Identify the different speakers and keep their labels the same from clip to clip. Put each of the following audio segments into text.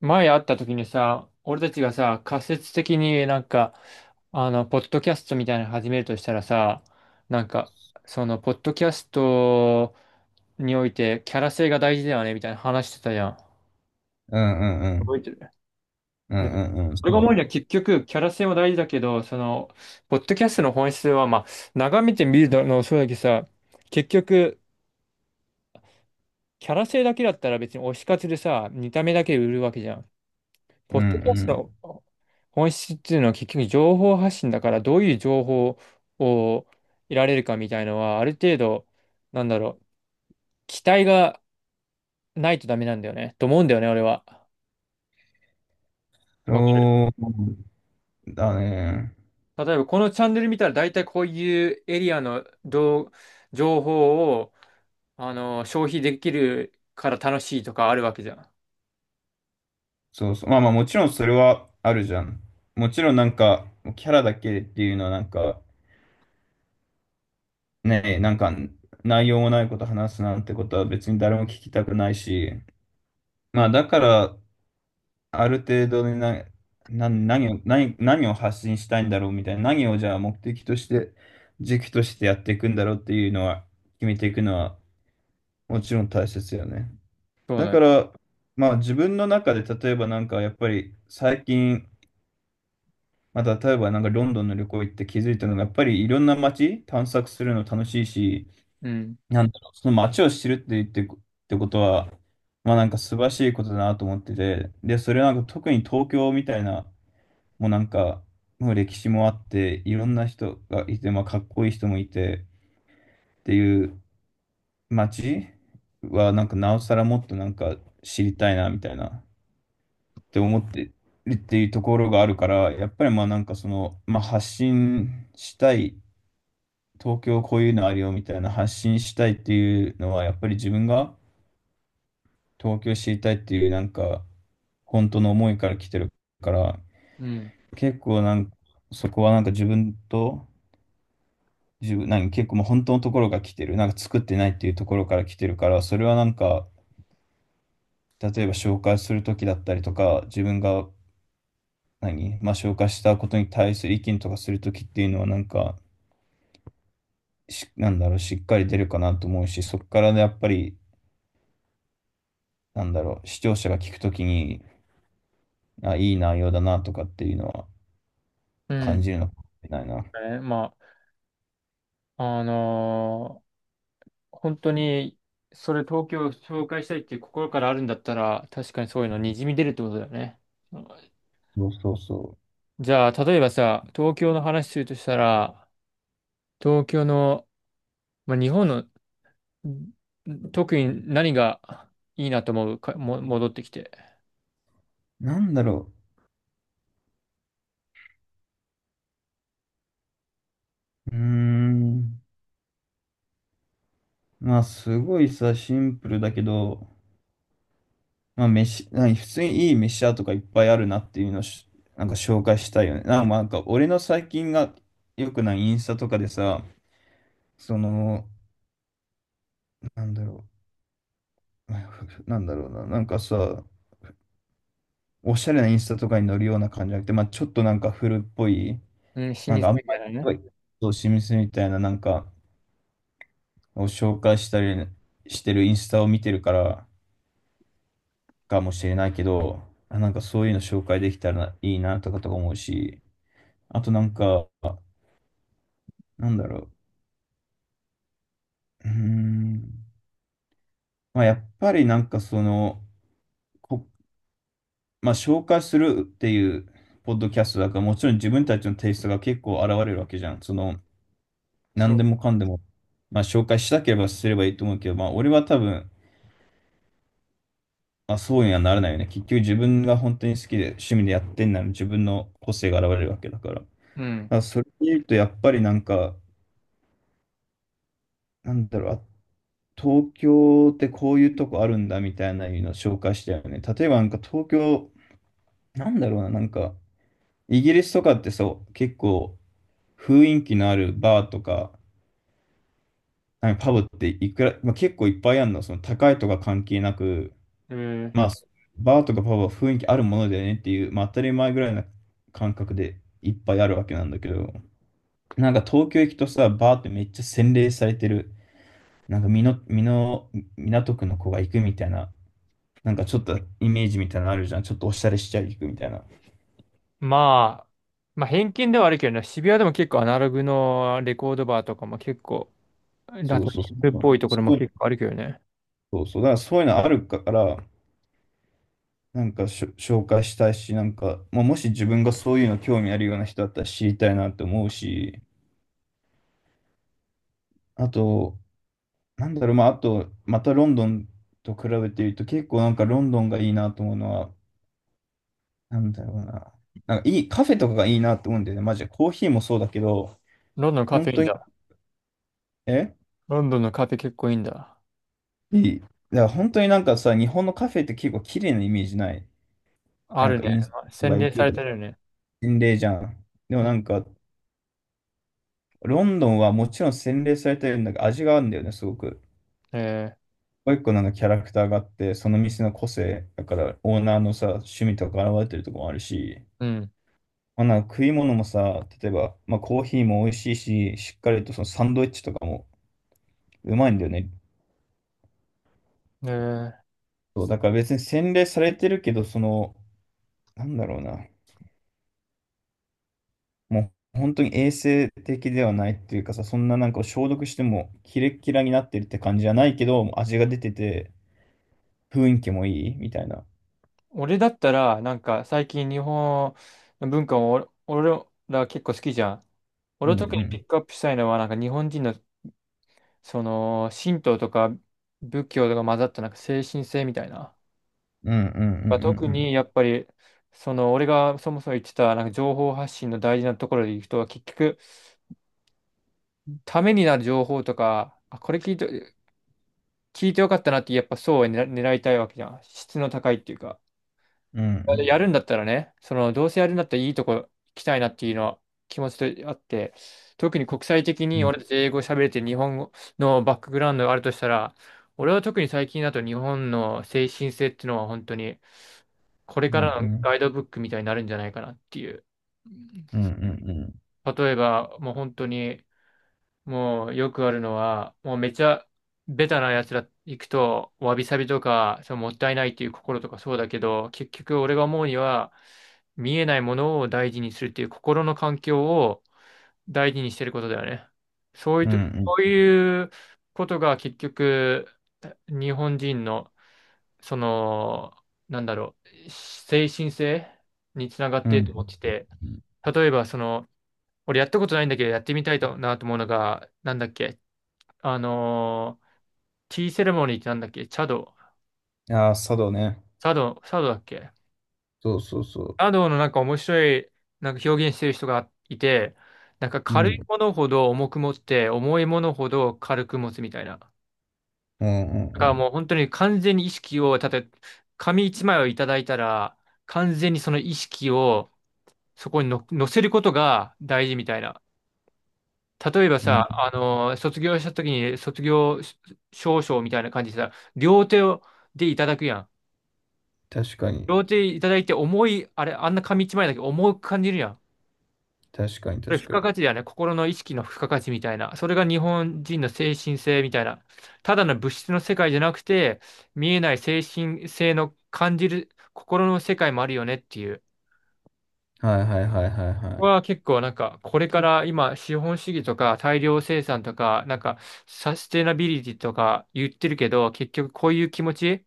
Speaker 1: 前会った時にさ、俺たちがさ、仮説的にポッドキャストみたいなの始めるとしたらさ、なんか、ポッドキャストにおいてキャラ性が大事だよね、みたいな話してたじゃん。
Speaker 2: うんうんう
Speaker 1: 覚
Speaker 2: ん。
Speaker 1: えてる。
Speaker 2: う
Speaker 1: で
Speaker 2: んうんうん。そ
Speaker 1: 俺が思うには結局、キャラ性も大事だけど、ポッドキャストの本質は、まあ、眺めてみるのもそうだけどさ、結局、キャラ性だけだったら別に推し活でさ、見た目だけで売るわけじゃん。
Speaker 2: う。
Speaker 1: ポ
Speaker 2: うん
Speaker 1: ッ
Speaker 2: う
Speaker 1: ドキャス
Speaker 2: ん。
Speaker 1: トの本質っていうのは結局情報発信だから、どういう情報を得られるかみたいのはある程度なんだろう期待がないとダメなんだよねと思うんだよね、俺は。わかる。
Speaker 2: そうだね。
Speaker 1: 例えばこのチャンネル見たら大体こういうエリアの動情報を消費できるから楽しいとかあるわけじゃん。
Speaker 2: そうそう。まあまあもちろんそれはあるじゃん。もちろんキャラだけっていうのはね、なんか内容もないこと話すなんてことは別に誰も聞きたくないし、まあだから、ある程度でな、何を、何、何を発信したいんだろうみたいな、何をじゃあ目的として、軸としてやっていくんだろうっていうのは、決めていくのはもちろん大切よね。
Speaker 1: そう
Speaker 2: だ
Speaker 1: だ
Speaker 2: か
Speaker 1: ね。
Speaker 2: ら、まあ自分の中で例えばなんかやっぱり最近、まあ、例えばなんかロンドンの旅行行って気づいたのがやっぱりいろんな街探索するの楽しいし、
Speaker 1: うん。
Speaker 2: なんだろう、その街を知るってことは、まあなんか素晴らしいことだなと思ってて、で、それはなんか特に東京みたいな、もうなんか、もう歴史もあって、いろんな人がいて、まあかっこいい人もいてっていう街はなんかなおさらもっとなんか知りたいなみたいな。って思ってるっていうところがあるから、やっぱりまあなんかその、まあ発信したい、東京こういうのあるよみたいな発信したいっていうのは、やっぱり自分が東京知りたいっていうなんか、本当の思いから来てるから、
Speaker 1: うん。
Speaker 2: 結構なんか、そこはなんか自分と、自分、なんか結構もう本当のところが来てる、なんか作ってないっていうところから来てるから、それはなんか、例えば紹介するときだったりとか、自分がまあ、紹介したことに対する意見とかするときっていうのは、なんだろう、しっかり出るかなと思うし、そこからね、やっぱり、なんだろう、視聴者が聞くときに、あ、いい内容だなとかっていうのは
Speaker 1: う
Speaker 2: 感
Speaker 1: ん。
Speaker 2: じるのかもしれないな。
Speaker 1: ね、まあ、本当に、それ東京を紹介したいっていう心からあるんだったら、確かにそういうのにじみ出るってことだよね。
Speaker 2: そうそうそ
Speaker 1: じゃあ、例えばさ、東京の話するとしたら、東京の、まあ、日本の、特に何がいいなと思うか、も、戻ってきて。
Speaker 2: う。なんだろう、うーん、まあ、すごいさ、シンプルだけど、まあ、飯、なんか普通にいい飯屋とかいっぱいあるなっていうのをし、なんか紹介したいよね。なんか、まあなんか俺の最近が良くないインスタとかでさ、その、なんだろう、なんだろうな、なんかさ、おしゃれなインスタとかに載るような感じじゃなくて、まあ、ちょっとなんか古っぽい、
Speaker 1: うん、老舗
Speaker 2: なん
Speaker 1: み
Speaker 2: かあ
Speaker 1: た
Speaker 2: ん
Speaker 1: い
Speaker 2: まり
Speaker 1: な
Speaker 2: こ
Speaker 1: ね。
Speaker 2: うそうミスみたいななんかを紹介したりしてるインスタを見てるからかもしれないけど、あなんかそういうの紹介できたらいいなとかとか思うし、あとなんか、なんだろう、うーん、まあ、やっぱりなんかその、こ、まあ、紹介するっていうポッドキャストだから、もちろん自分たちのテイストが結構現れるわけじゃん。その、
Speaker 1: そ
Speaker 2: 何で
Speaker 1: う。
Speaker 2: もかんでも、まあ、紹介したければすればいいと思うけど、まあ、俺は多分、まあ、そうにはならないよね。結局自分が本当に好きで趣味でやってんなら自分の個性が現れるわけだから。だか
Speaker 1: うん。
Speaker 2: らそれで言うと、やっぱりなんか、なんだろう、あ東京ってこういうとこあるんだみたいなのを紹介したよね。例えばなんか東京、なんだろうな、なんか、イギリスとかってそう、結構雰囲気のあるバーとか、なんかパブっていくら、まあ、結構いっぱいあるの、その高いとか関係なく、
Speaker 1: えー
Speaker 2: まあ、バーとかパブは雰囲気あるものだよねっていう、まあ、当たり前ぐらいな感覚でいっぱいあるわけなんだけど、なんか東京行くとさ、バーってめっちゃ洗練されてる、なんか美濃、美濃、港区の子が行くみたいな、なんかちょっとイメージみたいなのあるじゃん。ちょっとおしゃれしちゃい行くみたいな。
Speaker 1: まあ、まあ、偏見ではあるけどね、渋谷でも結構アナログのレコードバーとかも結構、ラ
Speaker 2: そう
Speaker 1: ト
Speaker 2: そう
Speaker 1: ニ
Speaker 2: そ
Speaker 1: ンムっ
Speaker 2: う。
Speaker 1: ぽいとこ
Speaker 2: そ
Speaker 1: ろも
Speaker 2: ういう
Speaker 1: 結構あるけどね。
Speaker 2: そうそう。だからそういうのあるから、なんか紹介したいし、なんか、まあ、もし自分がそういうの興味あるような人だったら知りたいなって思うし、あと、なんだろう、まあ、あと、またロンドンと比べていると、結構なんかロンドンがいいなと思うのは、なんだろうな。なんかいい、カフェとかがいいなと思うんだよね。マジで。コーヒーもそうだけど、
Speaker 1: ロンドンのカフ
Speaker 2: 本
Speaker 1: ェイ
Speaker 2: 当
Speaker 1: ン
Speaker 2: に、
Speaker 1: だ。
Speaker 2: え
Speaker 1: ロンドンのカフェ結構いいんだ。
Speaker 2: いい。だから本当になんかさ、日本のカフェって結構綺麗なイメージない。
Speaker 1: あ
Speaker 2: なん
Speaker 1: る
Speaker 2: か
Speaker 1: ね。
Speaker 2: インスタ
Speaker 1: 洗
Speaker 2: が行
Speaker 1: 練さ
Speaker 2: く
Speaker 1: れ
Speaker 2: と
Speaker 1: てるよ
Speaker 2: か、
Speaker 1: ね。
Speaker 2: 洗礼じゃん。でも
Speaker 1: うん。
Speaker 2: なんか、ロンドンはもちろん洗礼されてるんだけど、味があるんだよね、すごく。
Speaker 1: え
Speaker 2: もう一個なんかキャラクターがあって、その店の個性、だからオーナーのさ、趣味とか現れてるとこもあるし、
Speaker 1: ー、うん。
Speaker 2: まあ、なんか食い物もさ、例えば、まあ、コーヒーも美味しいし、しっかりとそのサンドイッチとかもうまいんだよね。
Speaker 1: えー、
Speaker 2: そうだから別に洗練されてるけど、その、なんだろうな、もう本当に衛生的ではないっていうかさ、そんななんか消毒してもキレキラになってるって感じじゃないけど、味が出てて、雰囲気もいいみたいな。
Speaker 1: 俺だったら、なんか最近日本の文化を俺ら結構好きじゃん。
Speaker 2: う
Speaker 1: 俺を特
Speaker 2: んう
Speaker 1: にピ
Speaker 2: ん。
Speaker 1: ックアップしたいのは、なんか日本人の、神道とか仏教とか混ざったなんか精神性みたいな。
Speaker 2: うんう
Speaker 1: まあ特
Speaker 2: ん
Speaker 1: にやっぱり、俺がそもそも言ってた、なんか情報発信の大事なところでいくと、結局、ためになる情報とか、あ、これ聞いて、聞いてよかったなってやっぱそうは狙いたいわけじゃん。質の高いっていうか。
Speaker 2: うんうん
Speaker 1: やる
Speaker 2: う
Speaker 1: んだったらね、そのどうせやるんだったらいいとこ行きたいなっていうのは気持ちとあって、特に国際的
Speaker 2: ん。
Speaker 1: に
Speaker 2: うんうん
Speaker 1: 俺たち英語喋れて日本語のバックグラウンドがあるとしたら、俺は特に最近だと日本の精神性っていうのは本当にこれ
Speaker 2: う
Speaker 1: からの
Speaker 2: ん
Speaker 1: ガイドブックみたいになるんじゃないかなっていう。
Speaker 2: うんうんうん
Speaker 1: 例えばもう本当に、もうよくあるのは、もうめちゃベタなやつら行くと、わびさびとか、そのもったいないっていう心とかそうだけど、結局俺が思うには、見えないものを大事にするっていう心の環境を大事にしてることだよね。そういう
Speaker 2: うんう
Speaker 1: と、
Speaker 2: ん
Speaker 1: そう
Speaker 2: うん
Speaker 1: いうことが結局、日本人の、その、なんだろ精神性につながっ
Speaker 2: うん
Speaker 1: て
Speaker 2: うん
Speaker 1: い
Speaker 2: うんう
Speaker 1: る
Speaker 2: ん
Speaker 1: と思ってて、
Speaker 2: うんうんう
Speaker 1: 例えばその、俺やったことないんだけど、やってみたいとなと思うのが、なんだっけ、あのーティーセレモニーってなんだっけ、
Speaker 2: ん。ああ、佐道ね。
Speaker 1: チャドだっけ。
Speaker 2: そうそうそ
Speaker 1: チャドのなんか面白いなんか表現してる人がいて、なんか
Speaker 2: う。う
Speaker 1: 軽い
Speaker 2: ん
Speaker 1: ものほど重く持って、重いものほど軽く持つみたいな。だ
Speaker 2: うん
Speaker 1: から
Speaker 2: う
Speaker 1: も
Speaker 2: ん
Speaker 1: う本当に完全に意識を、たとえ紙一枚をいただいたら、完全にその意識をそこにの乗せることが大事みたいな。例えば
Speaker 2: うん。うん。
Speaker 1: さ、卒業した時に卒業証書みたいな感じでさ、両手をでいただくやん。
Speaker 2: 確かに。
Speaker 1: 両手いただいて重い、あれ、あんな紙一枚だけど重く感じるやん。こ
Speaker 2: 確かに
Speaker 1: れ
Speaker 2: 確
Speaker 1: 付
Speaker 2: か
Speaker 1: 加
Speaker 2: に。
Speaker 1: 価値だよね。心の意識の付加価値みたいな。それが日本人の精神性みたいな。ただの物質の世界じゃなくて、見えない精神性の感じる心の世界もあるよねっていう。
Speaker 2: はいはいはいはいは
Speaker 1: ここ
Speaker 2: い。
Speaker 1: は結構なんか、これから今、資本主義とか大量生産とか、なんか、サステナビリティとか言ってるけど、結局こういう気持ち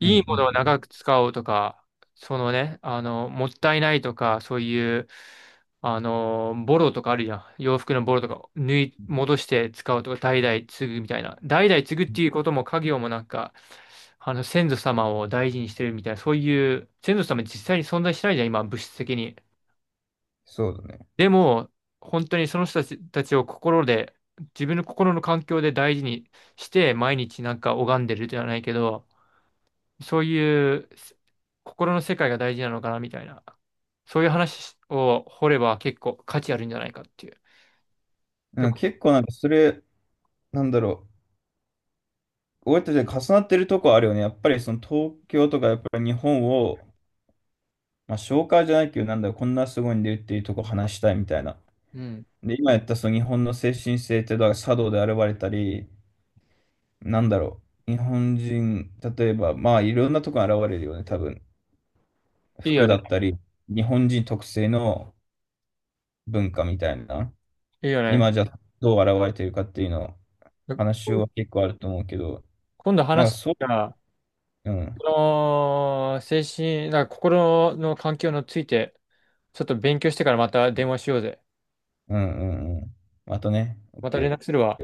Speaker 2: うんう
Speaker 1: いい
Speaker 2: ん
Speaker 1: も
Speaker 2: う
Speaker 1: のを
Speaker 2: ん。
Speaker 1: 長く使おうとか、そのね、もったいないとか、そういう、ボロとかあるじゃん。洋服のボロとか、戻して使うとか、代々継ぐみたいな。代々継ぐっていうことも、家業もなんか、先祖様を大事にしてるみたいな、そういう、先祖様実際に存在しないじゃん、今、物質的に。
Speaker 2: そうだね。
Speaker 1: でも、本当にその人たちを心で、自分の心の環境で大事にして、毎日なんか拝んでるじゃないけど、そういう心の世界が大事なのかなみたいな、そういう話を掘れば結構価値あるんじゃないかっていう。で
Speaker 2: うん、
Speaker 1: こ
Speaker 2: 結構なんかそれ、なんだろう。俺たちが重なってるとこあるよね。やっぱりその東京とかやっぱり日本を、まあ紹介じゃないけど、なんだろう、こんなすごいんでっていうとこ話したいみたいな。
Speaker 1: うん。
Speaker 2: で、今やったその日本の精神性って、だから茶道で現れたり、なんだろう。日本人、例えば、まあいろんなとこに現れるよね、多分。
Speaker 1: いいよ
Speaker 2: 服だ
Speaker 1: ね。
Speaker 2: ったり、日本人特性の、文化みたいな、
Speaker 1: いいよね。
Speaker 2: 今じゃどう現れてるかっていうの、
Speaker 1: で
Speaker 2: 話
Speaker 1: こ
Speaker 2: は結構あると思うけど、
Speaker 1: 今度
Speaker 2: なんか
Speaker 1: 話
Speaker 2: そう、
Speaker 1: が、
Speaker 2: うん、
Speaker 1: この精神、なんか心の環境について、ちょっと勉強してからまた電話しようぜ。
Speaker 2: うん、うん、うん。またね、
Speaker 1: また連絡するわ。
Speaker 2: OK。